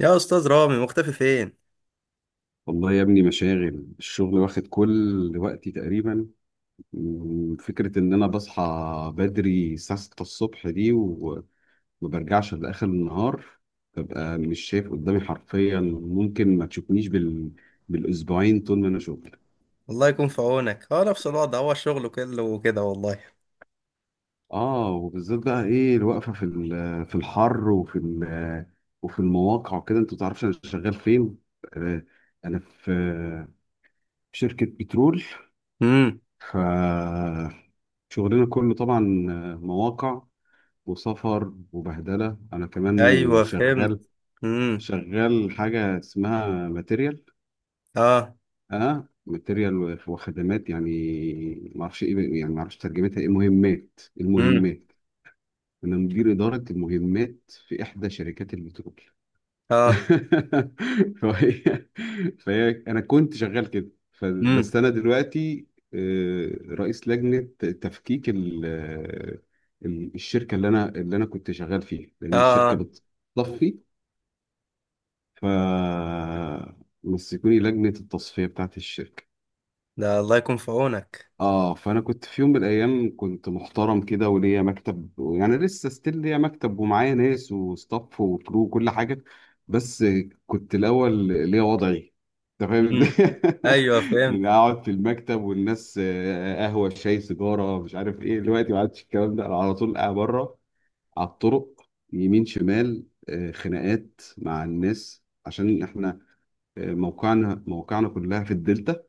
يا استاذ رامي، مختفي فين؟ والله يا ابني، مشاغل الشغل واخد كل وقتي تقريبا. فكرة ان انا بصحى بدري الساعة 6 الصبح دي وما برجعش لآخر النهار، ببقى مش شايف قدامي حرفيا، ممكن ما تشوفنيش بالاسبوعين طول ما انا شغل. الله يكون في عونك. اه، نفس الوضع، هو الشغل كله وكده والله. اه، وبالذات بقى ايه الوقفة في الحر وفي المواقع وكده، انت متعرفش انا شغال فين. آه، انا في شركة بترول. امم. ف شغلنا كله طبعا مواقع وسفر وبهدلة، أنا كمان ايوه، فهمت. شغال. امم. حاجة اسمها ماتيريال. اه. أه، ماتيريال وخدمات، يعني معرفش إيه، يعني معرفش ترجمتها إيه، مهمات. امم. المهمات، أنا مدير إدارة المهمات في إحدى شركات البترول. اه. فهي فهي انا كنت شغال كده، امم. بس انا دلوقتي رئيس لجنه تفكيك الشركه اللي انا كنت شغال فيها، اه. لان الشركه آه. بتطفي، فمسكوني لجنه التصفيه بتاعت الشركه. ده الله يكون في عونك. اه، فانا كنت في يوم من الايام كنت محترم كده وليا مكتب، يعني لسه ستيل ليا مكتب ومعايا ناس وستاف وكرو وكل حاجه. بس كنت الاول ليا وضعي، انت فاهم امم. ازاي. ايوه، فهمت. يعني اقعد في المكتب والناس قهوه شاي سيجاره مش عارف ايه. دلوقتي ما عادش الكلام ده، أنا على طول قاعد بره، على الطرق، يمين شمال، خناقات مع الناس عشان احنا موقعنا كلها في الدلتا.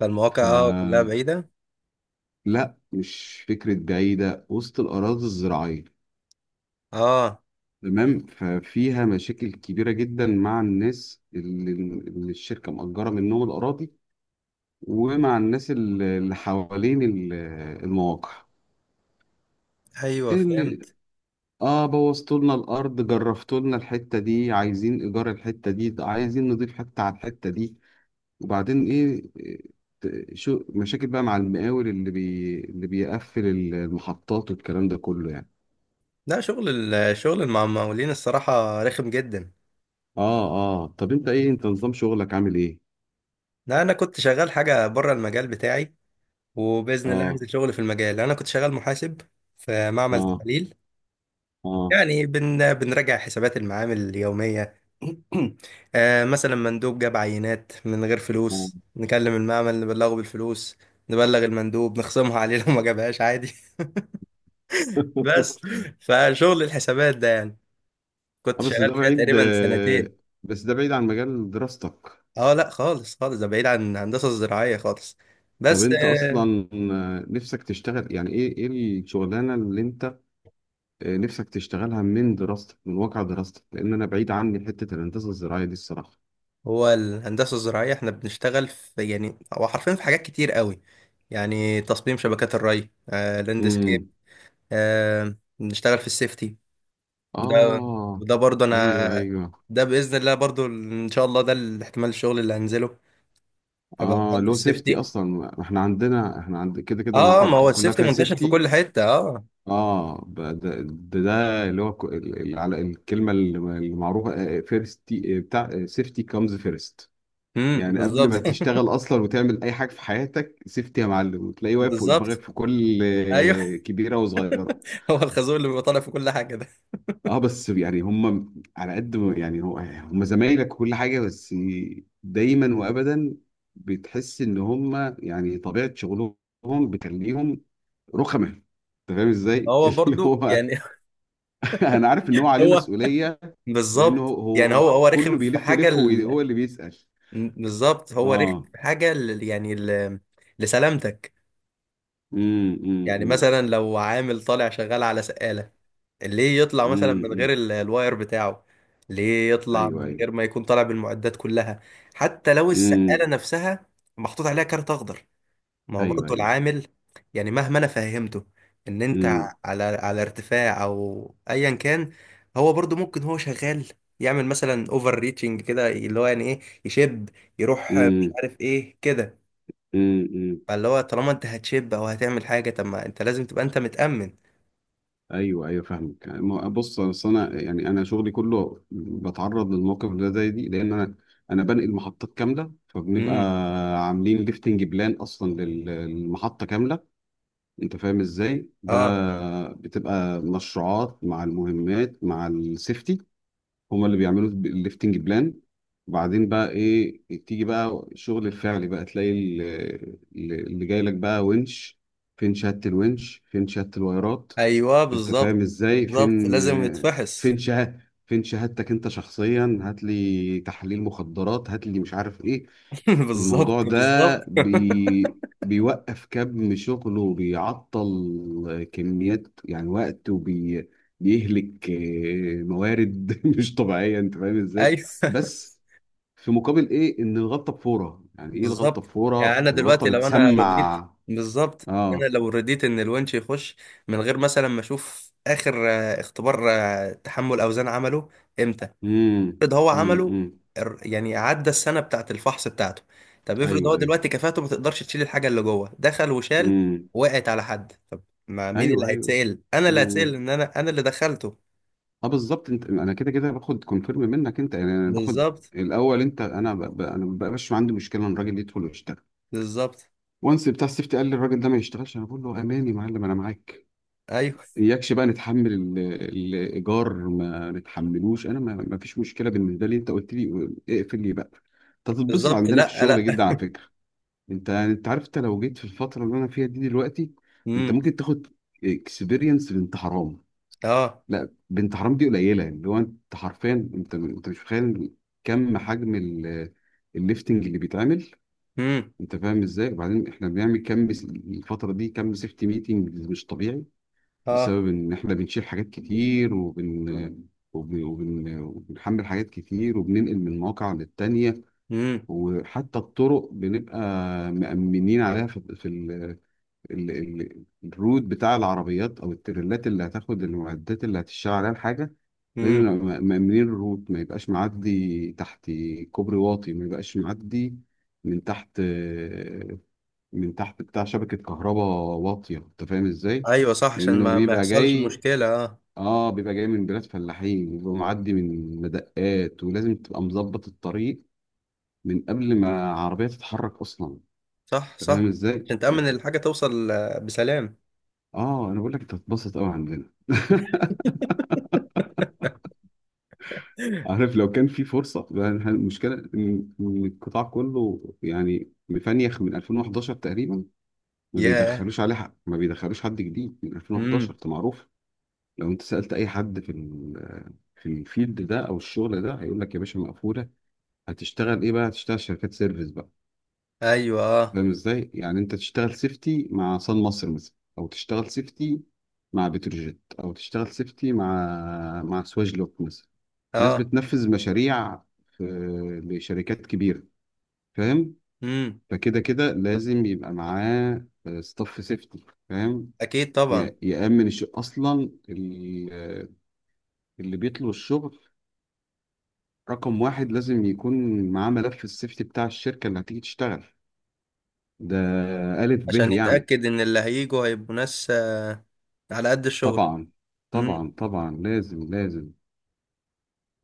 فالمواقع كلها بعيده. لا، مش فكرة بعيدة، وسط الأراضي الزراعية. اه. تمام، ففيها مشاكل كبيرة جدا مع الناس اللي الشركة مأجرة منهم الأراضي، ومع الناس اللي حوالين المواقع، ايوه، اللي، فهمت. اه، بوظتوا لنا الأرض، جرفتوا لنا الحتة دي، عايزين إيجار الحتة دي، عايزين نضيف حتة على الحتة دي. وبعدين إيه، شو مشاكل بقى مع المقاول اللي بيقفل المحطات والكلام ده كله يعني. لا، الشغل مع المقاولين، الصراحه رخم جدا. اه. اه، طب انت ايه، انت نظام شغلك عامل ايه. لا، انا كنت شغال حاجه بره المجال بتاعي. وباذن الله اه. هنزل شغل في المجال. انا كنت شغال محاسب في معمل اه. تحليل. اه. يعني بنراجع حسابات المعامل اليومية. مثلا مندوب جاب عينات من غير اه. فلوس، نكلم المعمل نبلغه بالفلوس، نبلغ المندوب نخصمها عليه، لو ما جابهاش عادي. بس، فشغل الحسابات ده يعني كنت بس شغال ده فيها بعيد. تقريبا سنتين. بس ده بعيد عن مجال دراستك. اه، لا خالص خالص، ده بعيد عن الهندسة الزراعية خالص. طب بس انت اصلا نفسك تشتغل، يعني ايه ايه الشغلانه اللي انت نفسك تشتغلها من دراستك، من واقع دراستك، لان انا بعيد عني حته الهندسه الزراعيه دي الصراحه. هو الهندسة الزراعية، احنا بنشتغل في، يعني هو حرفيا في حاجات كتير قوي. يعني تصميم شبكات الري، لاندسكيب، امم. نشتغل في السيفتي ده. اه. وده برضو ايوه انا، ايوه. ده باذن الله برضو ان شاء الله ده الاحتمال الشغل اللي هنزله. هبقى اه، مهندس لو سيفتي سيفتي. اصلا ما احنا عندنا، احنا عند كده كده اه، المواقع ما هو بتقول كلها السيفتي فيها منتشر في سيفتي. كل حته، اه. اه، ده اللي هو على الكلمه اللي معروفه، فيرست بتاع سيفتي، كامز فيرست. امم، يعني قبل بالظبط. ما تشتغل اصلا وتعمل اي حاجه في حياتك سيفتي يا معلم، وتلاقيه واقف فوق دماغك بالظبط. في كل ايوه. كبيره وصغيره. هو الخازوق اللي بيبقى طالع في كل حاجه ده. اه، بس يعني هم على قد ما، يعني هو هم زمايلك وكل حاجه، بس دايما وابدا بتحس ان هم يعني طبيعه شغلهم بتخليهم رخمه، انت فاهم ازاي؟ هو اللي برضو هو يعني، انا عارف ان هو عليه هو مسؤوليه. لانه بالظبط، هو يعني هو هو هو كله رخم في بيلف حاجه يلف وهو اللي بيسأل. بالظبط، هو رخم اه. في حاجه يعني لسلامتك. يعني امم. مثلا لو عامل طالع شغال على سقاله، ليه يطلع مثلا من إمم. غير الواير بتاعه؟ ليه يطلع ايوه من ايوه. غير ما يكون طالع بالمعدات كلها؟ حتى لو السقالة امم. نفسها محطوط عليها كارت اخضر، ما هو ايوه برضه ايوه. العامل، يعني مهما انا فهمته ان انت امم. على ارتفاع او ايا كان، هو برضه ممكن هو شغال يعمل مثلا اوفر ريتشنج كده، اللي هو يعني ايه، يشب، يروح مش امم عارف ايه كده. إمم. فاللي هو طالما انت هتشب او هتعمل حاجة، طب ما انت لازم تبقى انت متأمن. ايوه ايوه فاهمك. يعني بص، أصل انا يعني انا شغلي كله بتعرض للموقف ده زي دي، لان انا بنقل محطات كامله، فبنبقى امم. عاملين ليفتنج بلان اصلا للمحطه كامله. انت فاهم ازاي اه. ده، بتبقى مشروعات مع المهمات مع السيفتي، هما اللي بيعملوا الليفتنج بلان. وبعدين بقى ايه، تيجي بقى الشغل الفعلي، بقى تلاقي اللي جاي لك بقى ونش، فين شهادة الونش، فين شهادة الوايرات، ايوه، انت بالظبط. فاهم ازاي، بالظبط، فين لازم يتفحص. فين شهادة، فين شهادتك انت شخصيا، هات لي تحليل مخدرات، هات لي مش عارف ايه. الموضوع بالظبط، ده بالظبط. بيوقف كم شغله، وبيعطل كميات يعني وقت، بيهلك موارد مش طبيعية، انت فاهم ازاي. ايوه، بس في مقابل ايه، ان الغلطة بفورة، يعني ايه الغلطة بالظبط. يعني بفورة، انا الغلطة دلوقتي لو انا بتسمع. رضيت، بالظبط، انا اه. لو رضيت ان الونش يخش من غير مثلا ما اشوف اخر اختبار تحمل اوزان عمله. امتى؟ امم افرض هو عمله، إمم. يعني عدى السنه بتاعت الفحص بتاعته. طب افرض ايوه هو ايوه. دلوقتي كفاءته ما تقدرش تشيل الحاجه اللي جوه، دخل وشال، امم. وقعت على حد، طب ما مين اللي ايوه ايوه. هيتسأل؟ انا اللي إمم. هتسأل، ان انا اللي دخلته. اه بالظبط. انت انا كده كده باخد كونفيرم منك انت، يعني انا باخد بالظبط. الاول انت، انا انا ما بقاش عندي مشكله ان الراجل يدخل ويشتغل. بالظبط. وانس بتاع السيفتي قال لي الراجل ده ما يشتغلش، انا بقول له اماني يا معلم انا معاك. ايوه، اياكش بقى نتحمل الايجار ما نتحملوش، انا ما فيش مشكله بالنسبه لي، انت قلت لي اقفل لي بقى. انت هتتبسط بالظبط. عندنا في لا، الشغل جدا لا. على فكره. انت عارف، انت لو جيت في الفتره اللي انا فيها دي دلوقتي، انت امم. ممكن تاخد اكسبيرينس بنت حرام. اه. لا، بنت حرام دي قليله، يعني اللي هو انت حرفيا انت مش متخيل كم حجم الليفتنج اللي بيتعمل. امم. انت فاهم ازاي، وبعدين احنا بنعمل كم الفتره دي كم سيفتي ميتنج، مش طبيعي، اه. بسبب ان احنا بنشيل حاجات كتير وبنحمل حاجات كتير وبننقل من مواقع للتانية. امم، وحتى الطرق بنبقى مأمنين عليها، في الرود بتاع العربيات او التريلات اللي هتاخد المعدات اللي هتشتغل عليها الحاجه، لازم امم. نبقى مأمنين الروت، ما يبقاش معدي تحت كوبري واطي، ما يبقاش معدي من تحت، بتاع شبكه كهرباء واطيه، انت فاهم ازاي؟ ايوه صح، عشان لانه ما بيبقى يحصلش جاي. مشكله، اه. اه، بيبقى جاي من بلاد فلاحين، بيبقى معدي من مدقات، ولازم تبقى مظبط الطريق من قبل ما عربيه تتحرك اصلا، صح، انت صح، فاهم ازاي؟ عشان تامن اه. الحاجه توصل بسلام. انا بقول لك انت هتتبسط قوي عندنا. عارف، لو كان في فرصة، لأن المشكلة إن القطاع كله يعني مفنيخ من 2011 تقريبا، ما ياه. بيدخلوش عليه حق، ما بيدخلوش حد جديد من 2011 امم. ده معروف. لو أنت سألت أي حد في في الفيلد ده أو الشغل ده هيقول لك يا باشا مقفولة، هتشتغل إيه بقى؟ هتشتغل شركات سيرفيس بقى. ايوه. اه. فاهم إزاي؟ يعني أنت تشتغل سيفتي مع صن مصر مثلا، أو تشتغل سيفتي مع بتروجيت، أو تشتغل سيفتي مع سواجلوك مثلا. ناس اه. بتنفذ مشاريع في لشركات كبيرة، فاهم. امم. فكده كده لازم يبقى معاه ستاف سيفتي، فاهم. اكيد طبعا، يأمن أصلا اللي بيطلب الشغل، رقم واحد لازم يكون معاه ملف السيفتي بتاع الشركة اللي هتيجي تشتغل ده. ألف عشان به يعني. يتاكد ان اللي هيجوا هيبقوا ناس على قد الشغل. طبعا. امم. طبعا لازم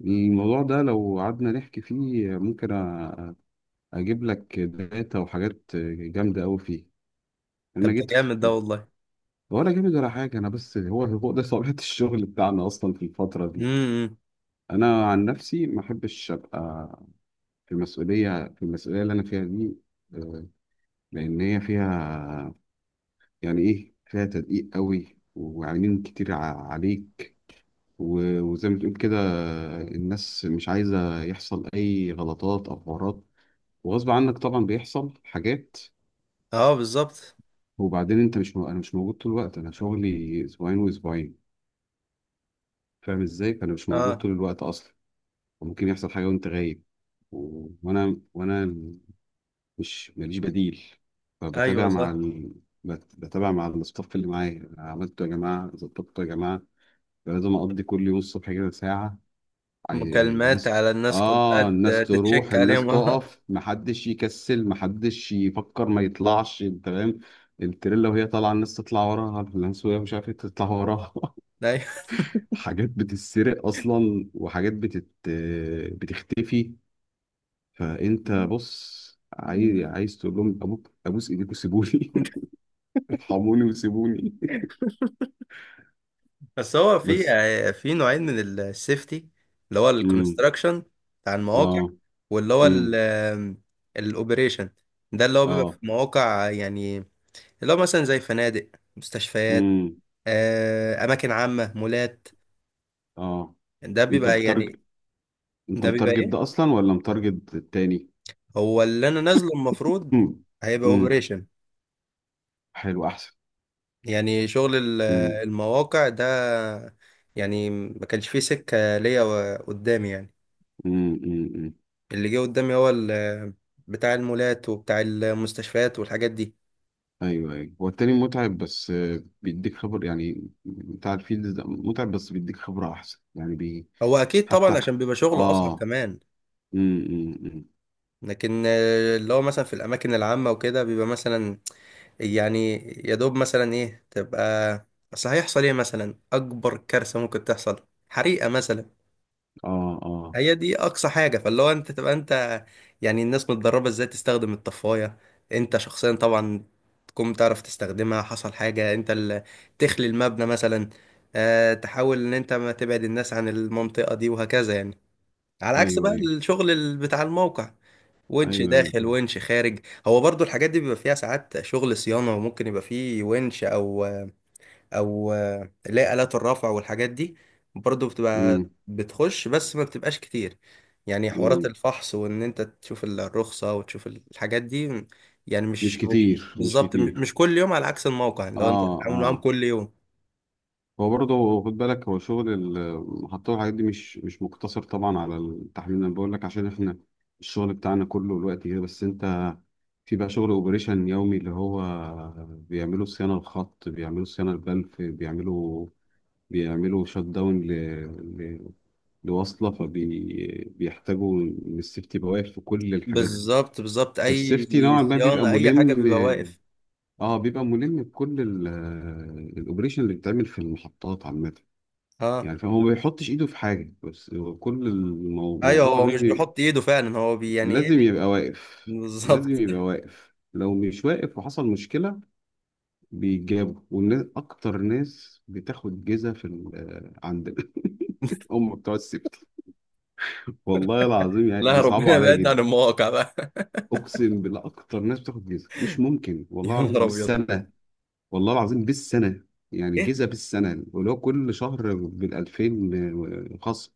الموضوع ده لو قعدنا نحكي فيه ممكن أجيب لك داتا وحاجات جامدة أوي فيه. طب انا ده جيت. جامد ده والله. ولا جامد ولا حاجة، أنا بس هو ده طبيعة الشغل بتاعنا أصلا في الفترة دي. امم. أنا عن نفسي ما أحبش أبقى في مسؤولية، في المسؤولية اللي أنا فيها دي، آه، لأن هي فيها، يعني إيه، فيها تدقيق قوي وعينين كتير عليك. و- وزي ما تقول كده الناس مش عايزة يحصل أي غلطات أو حوارات، وغصب عنك طبعا بيحصل حاجات. اه، بالظبط. وبعدين أنت مش م... أنا مش موجود طول الوقت، أنا شغلي أسبوعين وأسبوعين، فاهم إزاي، فأنا مش موجود اه. طول الوقت أصلا. وممكن يحصل حاجة وأنت غايب، و- وأنا مش ماليش بديل. ايوه فبتابع مع صح، بتابع مع الستاف اللي معايا، عملته يا جماعة، ظبطته يا جماعة. لازم أقضي كل يوم الصبح كده ساعة. مكالمات الناس، على الناس كلها آه، الناس تروح، تتشك الناس عليهم. تقف، محدش يكسل، محدش يفكر ما يطلعش تمام التريلا وهي طالعة، الناس تطلع وراها، الناس وهي مش عارفة تطلع وراها. ايوه. حاجات بتتسرق أصلا، وحاجات بتختفي. فانت بص، عايز تقول لهم ابوك، ابوس ايديك وسيبوني. ارحموني وسيبوني. بس هو في بس. في نوعين من السيفتي، اللي هو امم. الكونستراكشن بتاع المواقع، اه. واللي هو امم. الاوبريشن. ده اللي هو بيبقى في اه. مواقع يعني، اللي هو مثلا زي فنادق، مستشفيات، امم. اماكن عامة، مولات. اه، ده انت بيبقى يعني، بتارجت، انت ده بيبقى متارجت ايه، ده اصلا ولا متارجت التاني؟ هو اللي انا نازله المفروض امم. هيبقى امم. اوبريشن. حلو، احسن. يعني شغل امم. المواقع ده، يعني ما كانش فيه سكة ليا قدامي يعني، امم. امم. اللي جه قدامي هو بتاع المولات وبتاع المستشفيات والحاجات دي. ايوه ايوه، هو التاني متعب، بس بيديك خبر، يعني بتاع الفيلد ده متعب بس بيديك خبرة احسن، يعني بي. هو اكيد طبعا، حتى. عشان بيبقى شغله اصعب اه. كمان. أمم. لكن اللي هو مثلا في الاماكن العامه وكده بيبقى مثلا، يعني يا دوب مثلا ايه تبقى، اصل هيحصل ايه مثلا؟ اكبر كارثه ممكن تحصل حريقه مثلا. اه. اه. هي دي اقصى حاجه، فاللي هو انت تبقى انت، يعني الناس متدربه ازاي تستخدم الطفايه، انت شخصيا طبعا تكون بتعرف تستخدمها، حصل حاجه انت اللي تخلي المبنى مثلا، تحاول ان انت ما تبعد الناس عن المنطقه دي، وهكذا يعني. على عكس ايوه بقى ايوه. الشغل بتاع الموقع، ونش ايوه ايوه. داخل ونش خارج. هو برضو الحاجات دي بيبقى فيها ساعات شغل صيانه، وممكن يبقى فيه ونش او اللي هي آلات الرفع والحاجات دي، برضو بتبقى امم. بتخش بس ما بتبقاش كتير. يعني حوارات امم. الفحص وان انت تشوف الرخصة وتشوف الحاجات دي، يعني مش مش كتير، مش بالظبط، م- كتير. مش كل يوم، على عكس الموقع لو انت اه. بتتعامل معاهم اه، كل يوم. هو برضه خد بالك، هو شغل المحطة والحاجات دي مش مقتصر طبعا على التحميل، انا بقول لك عشان احنا الشغل بتاعنا كله الوقت كده، بس انت في بقى شغل اوبريشن يومي اللي هو بيعملوا صيانة الخط، بيعملوا صيانة البلف، بيعملوا شت داون ل... لوصلة، فبيحتاجوا إن السيفتي بواقف في كل الحاجات دي. بالظبط، بالظبط، اي فالسيفتي نوعا ما بيبقى صيانة اي حاجة ملم. بيبقى واقف. اه، بيبقى ملم بكل الاوبريشن اللي بيتعمل في المحطات عامه اه، يعني. فهو ما بيحطش ايده في حاجه، بس هو كل ايوه، الموضوع هو مش لازم بيحط ايده فعلا، هو يعني ايه. لازم يبقى واقف. لازم بالظبط. يبقى واقف، لو مش واقف وحصل مشكله، بيجابوا، والناس اكتر ناس بتاخد جزا في عندنا. هم بتوع السيفتي، والله العظيم يعني لا، بيصعبوا ربنا عليا يبعدنا عن جدا. المواقع بقى. اقسم بالله اكتر ناس بتاخد جزا، مش ممكن يا والله العظيم نهار ابيض. بالسنه، والله العظيم بالسنة، يعني ايه؟ جيزة بالسنة ولو كل شهر بالألفين خصم.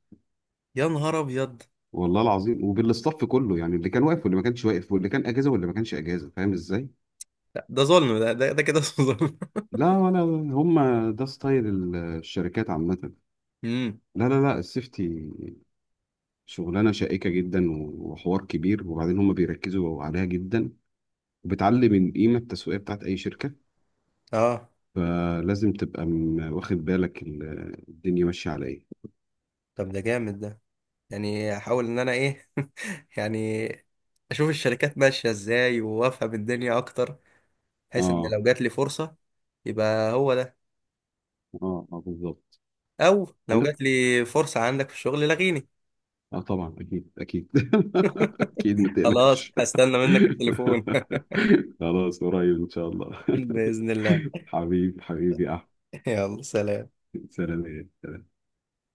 يا نهار ابيض. والله العظيم، وبالاستاف كله، يعني اللي كان واقف واللي ما كانش واقف، واللي كان أجازة واللي ما كانش أجازة، فاهم إزاي؟ لا، ده ظلم، ده كده، ظلم. لا، ولا، هم ده ستايل الشركات عامة. امم. لا لا لا، السيفتي شغلانة شائكة جدا وحوار كبير، وبعدين هم بيركزوا عليها جدا، وبتعلي من القيمة التسويقية بتاعت أي شركة، اه. فلازم تبقى واخد بالك الدنيا ماشية على إيه. طب ده جامد ده، يعني احاول ان انا ايه، يعني اشوف الشركات ماشيه ازاي وافهم الدنيا اكتر، بحيث ان اه. لو جات لي فرصه، يبقى هو ده، اه. اه بالظبط. او لو عامة، جات لي فرصه عندك في الشغل لغيني. اه طبعا، اكيد اكيد. اكيد ما خلاص، تقلقش. هستنى منك التليفون. خلاص، قريب ان شاء الله. باذن الله. حبيبي، حبيبي يا احمد. يلا، سلام. سلام.